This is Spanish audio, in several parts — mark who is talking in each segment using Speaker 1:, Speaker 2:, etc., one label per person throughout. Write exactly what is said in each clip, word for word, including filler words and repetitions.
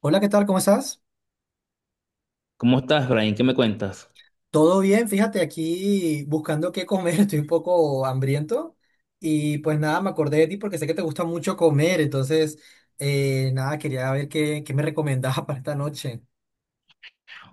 Speaker 1: Hola, ¿qué tal? ¿Cómo estás?
Speaker 2: ¿Cómo estás, Brian? ¿Qué me cuentas?
Speaker 1: Todo bien, fíjate, aquí buscando qué comer, estoy un poco hambriento y pues nada, me acordé de ti porque sé que te gusta mucho comer, entonces eh, nada, quería ver qué, qué me recomendabas para esta noche.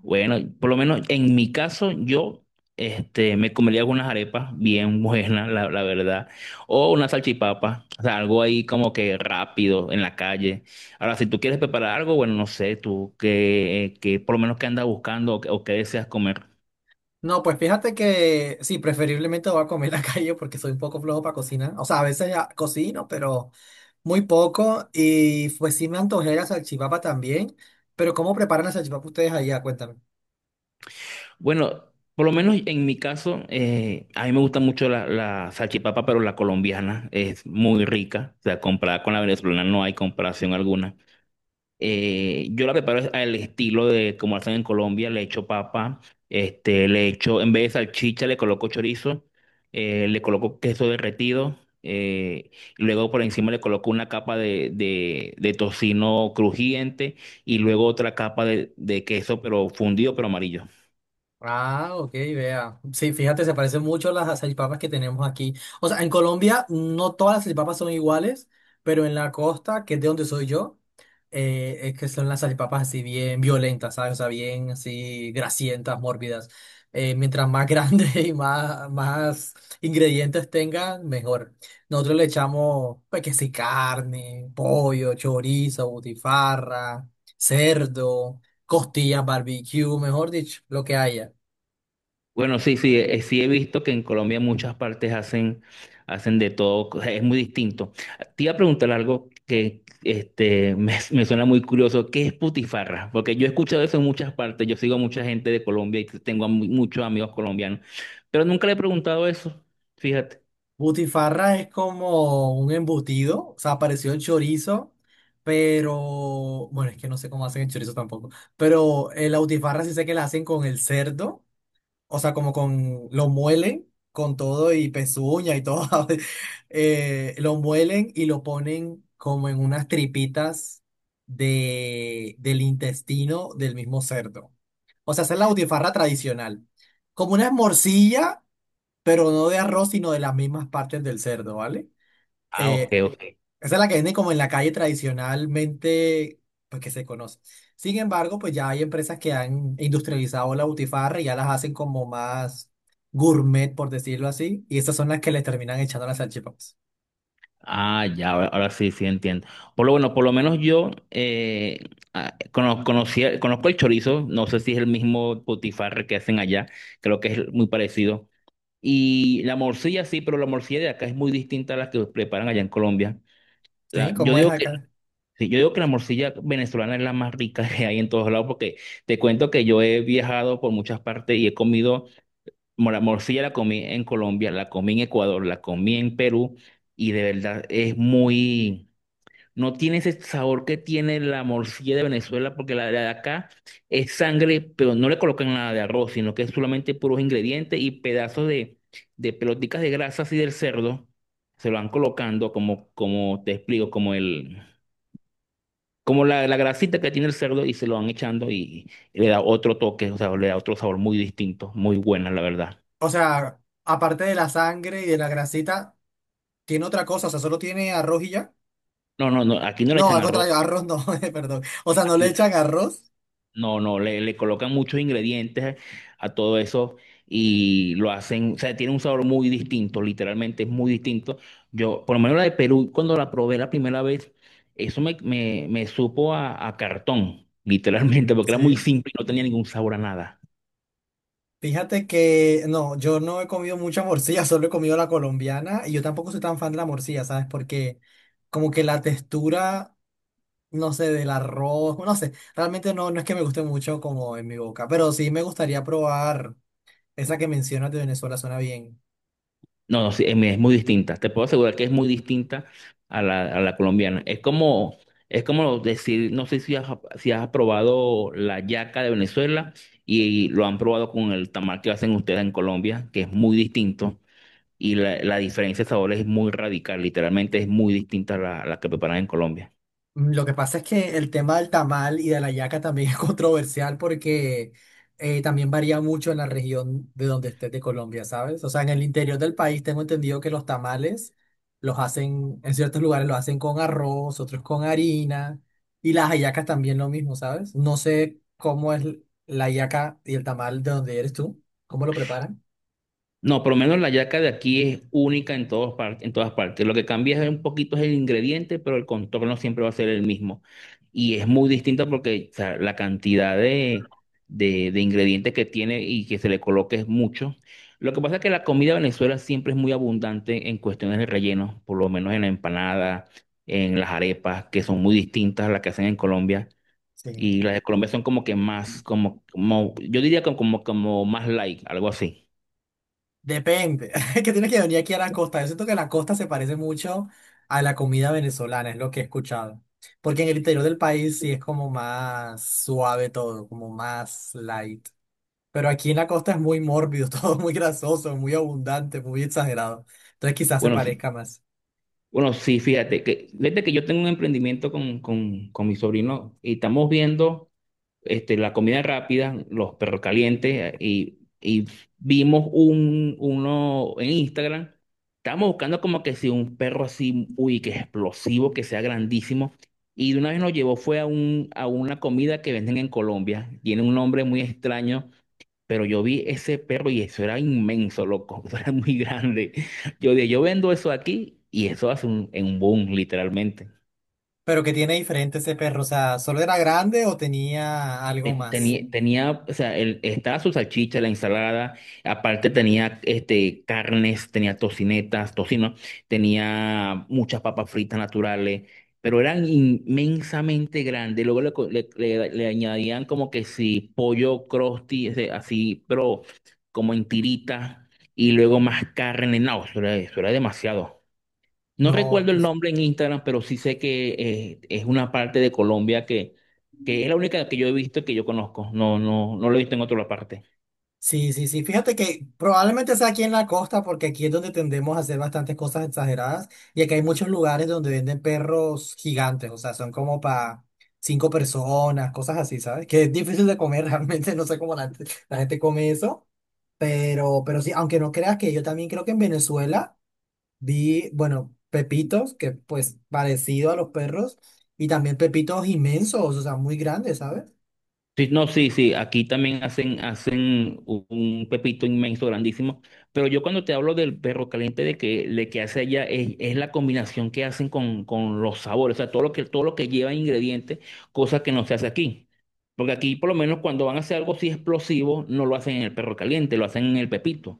Speaker 2: Bueno, por lo menos en mi caso, yo este, me comería algunas arepas bien buenas, la, la verdad, o una salchipapa, o sea, algo ahí como que rápido en la calle. Ahora, si tú quieres preparar algo, bueno, no sé, tú qué, qué por lo menos qué andas buscando o, qué o qué deseas comer.
Speaker 1: No, pues fíjate que sí, preferiblemente voy a comer en la calle porque soy un poco flojo para cocinar, o sea, a veces ya cocino, pero muy poco y pues sí me antojé la salchipapa también, pero ¿cómo preparan la salchipapa ustedes allá? Cuéntame.
Speaker 2: Bueno, por lo menos en mi caso, eh, a mí me gusta mucho la, la salchipapa, pero la colombiana es muy rica, o sea, comparada con la venezolana no hay comparación alguna. Eh, yo la preparo al estilo de como hacen en Colombia, le echo papa, este, le echo, en vez de salchicha le coloco chorizo, eh, le coloco queso derretido, eh, y luego por encima le coloco una capa de, de, de tocino crujiente y luego otra capa de, de queso pero fundido pero amarillo.
Speaker 1: Ah, ok, vea. Sí, fíjate, se parecen mucho a las salchipapas que tenemos aquí. O sea, en Colombia no todas las salchipapas son iguales, pero en la costa, que es de donde soy yo, eh, es que son las salchipapas así bien violentas, ¿sabes? O sea, bien así grasientas, mórbidas. Eh, mientras más grande y más, más ingredientes tengan, mejor. Nosotros le echamos, pues, que sí, carne, pollo, chorizo, butifarra, cerdo, costillas, barbecue, mejor dicho, lo que haya.
Speaker 2: Bueno, sí, sí, eh, sí he visto que en Colombia muchas partes hacen, hacen de todo, o sea, es muy distinto. Te iba a preguntar algo que este, me, me suena muy curioso, ¿qué es putifarra? Porque yo he escuchado eso en muchas partes, yo sigo a mucha gente de Colombia y tengo a mu- muchos amigos colombianos, pero nunca le he preguntado eso, fíjate.
Speaker 1: Butifarra es como un embutido, o sea, pareció el chorizo, pero bueno, es que no sé cómo hacen el chorizo tampoco, pero eh, la butifarra sí sé que la hacen con el cerdo, o sea, como con, lo muelen con todo y pezuña y todo, eh, lo muelen y lo ponen como en unas tripitas de, del intestino del mismo cerdo. O sea, esa es la butifarra tradicional, como una morcilla pero no de arroz, sino de las mismas partes del cerdo, ¿vale?
Speaker 2: Ah, ok,
Speaker 1: Eh,
Speaker 2: ok.
Speaker 1: esa es la que venden como en la calle tradicionalmente, pues que se conoce. Sin embargo, pues ya hay empresas que han industrializado la butifarra y ya las hacen como más gourmet, por decirlo así, y esas son las que le terminan echando las salchipapas.
Speaker 2: Ah, ya, ahora, ahora sí, sí entiendo. Por lo bueno, por lo menos yo eh, ah, cono- conocía- conozco el chorizo, no sé si es el mismo potifarre que hacen allá, creo que es muy parecido. Y la morcilla sí, pero la morcilla de acá es muy distinta a la que preparan allá en Colombia.
Speaker 1: ¿Sí?
Speaker 2: La- yo
Speaker 1: ¿Cómo es
Speaker 2: digo que,
Speaker 1: acá?
Speaker 2: sí, yo digo que la morcilla venezolana es la más rica que hay en todos lados, porque te cuento que yo he viajado por muchas partes y he comido, mo- la morcilla la comí en Colombia, la comí en Ecuador, la comí en Perú, y de verdad es muy... No tiene ese sabor que tiene la morcilla de Venezuela, porque la, de acá es sangre, pero no le colocan nada de arroz, sino que es solamente puros ingredientes y pedazos de, de pelotitas de grasa así del cerdo. Se lo van colocando como, como te explico, como el, como la, la grasita que tiene el cerdo y se lo van echando y, y le da otro toque, o sea, le da otro sabor muy distinto, muy buena, la verdad.
Speaker 1: O sea, aparte de la sangre y de la grasita, ¿tiene otra cosa? O sea, ¿solo tiene arroz y ya?
Speaker 2: No, no, no, aquí no le
Speaker 1: No,
Speaker 2: echan
Speaker 1: al
Speaker 2: arroz.
Speaker 1: contrario, arroz no, perdón. O sea, ¿no le
Speaker 2: Aquí
Speaker 1: echan arroz?
Speaker 2: No, no, le, le colocan muchos ingredientes a todo eso y lo hacen, o sea, tiene un sabor muy distinto, literalmente es muy distinto. Yo, por lo menos la de Perú, cuando la probé la primera vez, eso me, me, me supo a, a cartón, literalmente, porque era muy
Speaker 1: Sí.
Speaker 2: simple y no tenía ningún sabor a nada.
Speaker 1: Fíjate que no, yo no he comido mucha morcilla, solo he comido la colombiana y yo tampoco soy tan fan de la morcilla, ¿sabes? Porque como que la textura, no sé, del arroz, no sé, realmente no, no es que me guste mucho como en mi boca, pero sí me gustaría probar esa que mencionas de Venezuela, suena bien.
Speaker 2: No, no, sí, es, es muy distinta. Te puedo asegurar que es muy distinta a la, a la colombiana. Es como, es como decir, no sé si has, si has probado la yaca de Venezuela y, lo han probado con el tamal que hacen ustedes en Colombia, que es muy distinto. Y la, la diferencia de sabor es muy radical, literalmente es muy distinta a la, a la que preparan en Colombia.
Speaker 1: Mm, lo que pasa es que el tema del tamal y de la yaca también es controversial porque eh, también varía mucho en la región de donde estés de Colombia, ¿sabes? O sea, en el interior del país tengo entendido que los tamales los hacen, en ciertos lugares los hacen con arroz, otros con harina y las hallacas también lo mismo, ¿sabes? No sé cómo es la hallaca y el tamal de donde eres tú, cómo lo preparan.
Speaker 2: No, por lo menos la yaca de aquí es única en todos par- en todas partes. Lo que cambia es un poquito es el ingrediente, pero el contorno siempre va a ser el mismo. Y es muy distinta porque o sea, la cantidad de, de, de ingredientes que tiene y que se le coloque es mucho. Lo que pasa es que la comida de Venezuela siempre es muy abundante en cuestiones de relleno, por lo menos en la empanada, en las arepas, que son muy distintas a las que hacen en Colombia.
Speaker 1: Sí.
Speaker 2: Y las de Colombia son como que más, como, como yo diría como, como, como más light, algo así.
Speaker 1: Depende, es que tienes que venir aquí a la costa. Yo siento que la costa se parece mucho a la comida venezolana, es lo que he escuchado. Porque en el interior del país sí es como más suave todo, como más light. Pero aquí en la costa es muy mórbido, todo muy grasoso, muy abundante, muy exagerado. Entonces quizás se
Speaker 2: Bueno,
Speaker 1: parezca más.
Speaker 2: Bueno, sí, fíjate, que desde que yo tengo un emprendimiento con, con, con mi sobrino y estamos viendo este, la comida rápida, los perros calientes eh, y, y vimos un, uno en Instagram. Estábamos buscando como que si un perro así, uy, que explosivo, que sea grandísimo. Y de una vez nos llevó fue a, un, a una comida que venden en Colombia. Tiene un nombre muy extraño, pero yo vi ese perro y eso era inmenso, loco, eso era muy grande. Yo dije, yo vendo eso aquí y eso hace un, en un boom, literalmente.
Speaker 1: Pero que tiene diferente ese perro, o sea, ¿solo era grande o tenía algo
Speaker 2: Te-
Speaker 1: más?
Speaker 2: Tenía, tenía, o sea, el- estaba su salchicha, la ensalada, aparte tenía este, carnes, tenía tocinetas, tocino, tenía muchas papas fritas naturales, pero eran inmensamente grandes. Luego le, co- le- le- le añadían como que sí, pollo crusty ese, así, pero como en tiritas, y luego más carne. No, eso era, eso era demasiado. No
Speaker 1: No, es
Speaker 2: recuerdo
Speaker 1: que
Speaker 2: el
Speaker 1: sí.
Speaker 2: nombre en Instagram, pero sí sé que eh, es una parte de Colombia que, que es la única que yo he visto que yo conozco. No, no, no lo he visto en otra parte.
Speaker 1: Sí, sí, sí. Fíjate que probablemente sea aquí en la costa, porque aquí es donde tendemos a hacer bastantes cosas exageradas. Y aquí hay muchos lugares donde venden perros gigantes, o sea, son como para cinco personas, cosas así, ¿sabes? Que es difícil de comer realmente, no sé cómo la, la gente come eso. Pero, pero sí, aunque no creas que yo también creo que en Venezuela vi, bueno, pepitos, que pues parecido a los perros, y también pepitos inmensos, o sea, muy grandes, ¿sabes?
Speaker 2: Sí, no, sí, sí. Aquí también hacen, hacen un un pepito inmenso, grandísimo. Pero yo cuando te hablo del perro caliente, de que, de que hace allá, es, es la combinación que hacen con, con los sabores. O sea, todo lo que, todo lo que lleva ingredientes, cosa que no se hace aquí. Porque aquí, por lo menos, cuando van a hacer algo así explosivo, no lo hacen en el perro caliente, lo hacen en el pepito.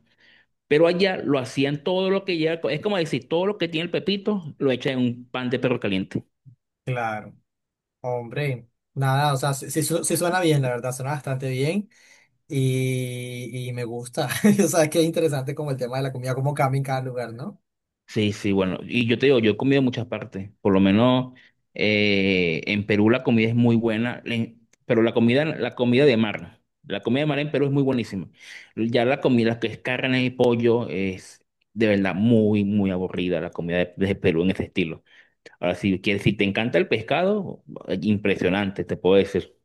Speaker 2: Pero allá lo hacían todo lo que ya, es como decir, todo lo que tiene el pepito lo echa en un pan de perro caliente.
Speaker 1: Claro. Hombre, nada, o sea, sí, sí su- sí suena bien, la verdad, suena bastante bien y, y me gusta. O sea, es que es interesante como el tema de la comida, cómo cambia en cada lugar, ¿no?
Speaker 2: Sí, sí, bueno, y yo te digo, yo he comido en muchas partes, por lo menos eh, en Perú la comida es muy buena, en- pero la comida, la comida de mar, la comida de mar en Perú es muy buenísima. Ya la comida que es carne y pollo es de verdad muy, muy aburrida la comida de, de Perú en ese estilo. Ahora, si quieres, si te encanta el pescado, impresionante, te puedo decir.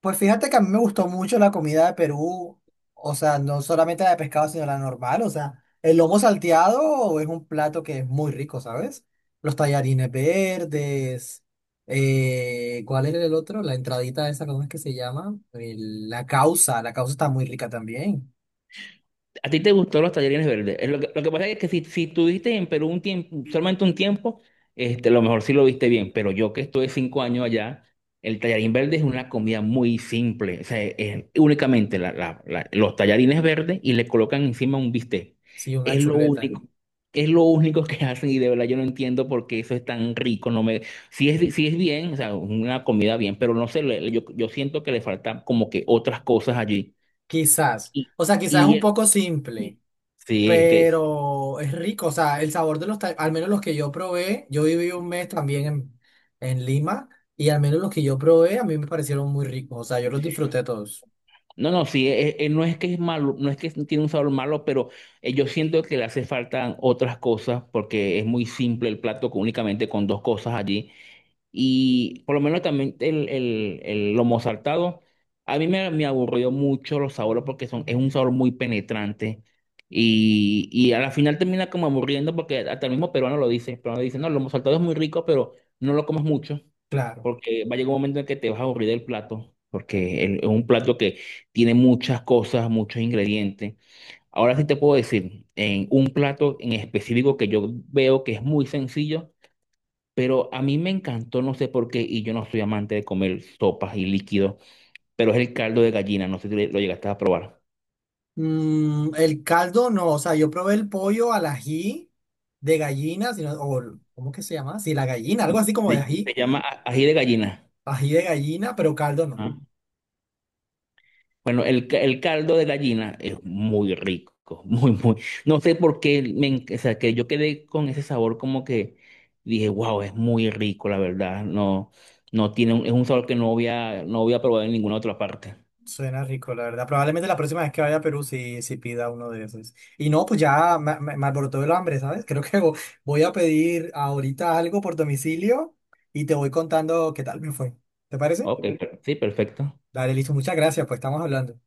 Speaker 1: Pues fíjate que a mí me gustó mucho la comida de Perú, o sea, no solamente la de pescado, sino la normal, o sea, el lomo salteado es un plato que es muy rico, ¿sabes? Los tallarines verdes, eh, ¿cuál era el otro? La entradita esa, ¿cómo es que se llama? El- la causa, la causa está muy rica también,
Speaker 2: A ti te gustó los tallarines verdes. Es Lo que, lo que pasa es que si, si tuviste en Perú un tiempo, solamente un tiempo, este, a lo mejor sí lo viste bien, pero yo que estuve cinco años allá, el tallarín verde es una comida muy simple. O sea, es únicamente la- la- la- los tallarines verdes y le colocan encima un bistec.
Speaker 1: sí, una
Speaker 2: Es lo
Speaker 1: chuleta.
Speaker 2: único. Es lo único que hacen y de verdad yo no entiendo por qué eso es tan rico. No me, si es, si es bien, o sea, una comida bien, pero no sé, le- yo, yo siento que le faltan como que otras cosas allí.
Speaker 1: Quizás. O sea, quizás es un
Speaker 2: Y,
Speaker 1: poco
Speaker 2: Sí.
Speaker 1: simple,
Speaker 2: Sí, es que,
Speaker 1: pero es rico. O sea, el sabor de los tacos, al menos los que yo probé, yo viví un mes también en, en Lima y al menos los que yo probé a mí me parecieron muy ricos. O sea, yo los disfruté todos.
Speaker 2: no, no, sí, eh, eh, no es que es malo, no es que tiene un sabor malo, pero eh, yo siento que le hace falta otras cosas porque es muy simple el plato con- únicamente con dos cosas allí. Y por lo menos también el, el, el lomo saltado, a mí me, me aburrió mucho los sabores porque son, es un sabor muy penetrante. Y, y a la final termina como aburriendo porque hasta el mismo peruano lo dice, el peruano dice, no, el lomo saltado es muy rico, pero no lo comas mucho.
Speaker 1: Claro.
Speaker 2: Porque va a llegar un momento en que te vas a aburrir del plato, porque el- es un plato que tiene muchas cosas, muchos ingredientes. Ahora sí te puedo decir, en un plato en específico que yo veo que es muy sencillo, pero a mí me encantó, no sé por qué, y yo no soy amante de comer sopas y líquidos, pero es el caldo de gallina, no sé si lo llegaste a probar.
Speaker 1: Mm, el caldo no, o sea, yo probé el pollo al ají de gallina, sino, o, ¿cómo que se llama? Sí, la gallina, algo así como de
Speaker 2: Se,
Speaker 1: ají,
Speaker 2: se llama a- ají de gallina.
Speaker 1: ají de gallina, pero caldo no.
Speaker 2: ¿Ah? Bueno, el, ca- el caldo de gallina es muy rico, muy, muy. No sé por qué, me, en- o sea, que yo quedé con ese sabor como que dije, wow, es muy rico, la verdad. No, no tiene, un- es un sabor que no había, no había probado en ninguna otra parte.
Speaker 1: Suena rico, la verdad. Probablemente la próxima vez que vaya a Perú sí, sí pida uno de esos. Y no, pues ya me, me- me alborotó el hambre, ¿sabes? Creo que vo- voy a pedir ahorita algo por domicilio y te voy contando qué tal me fue. ¿Te parece?
Speaker 2: Ok, per- sí, perfecto.
Speaker 1: Dale, listo. Muchas gracias, pues estamos hablando.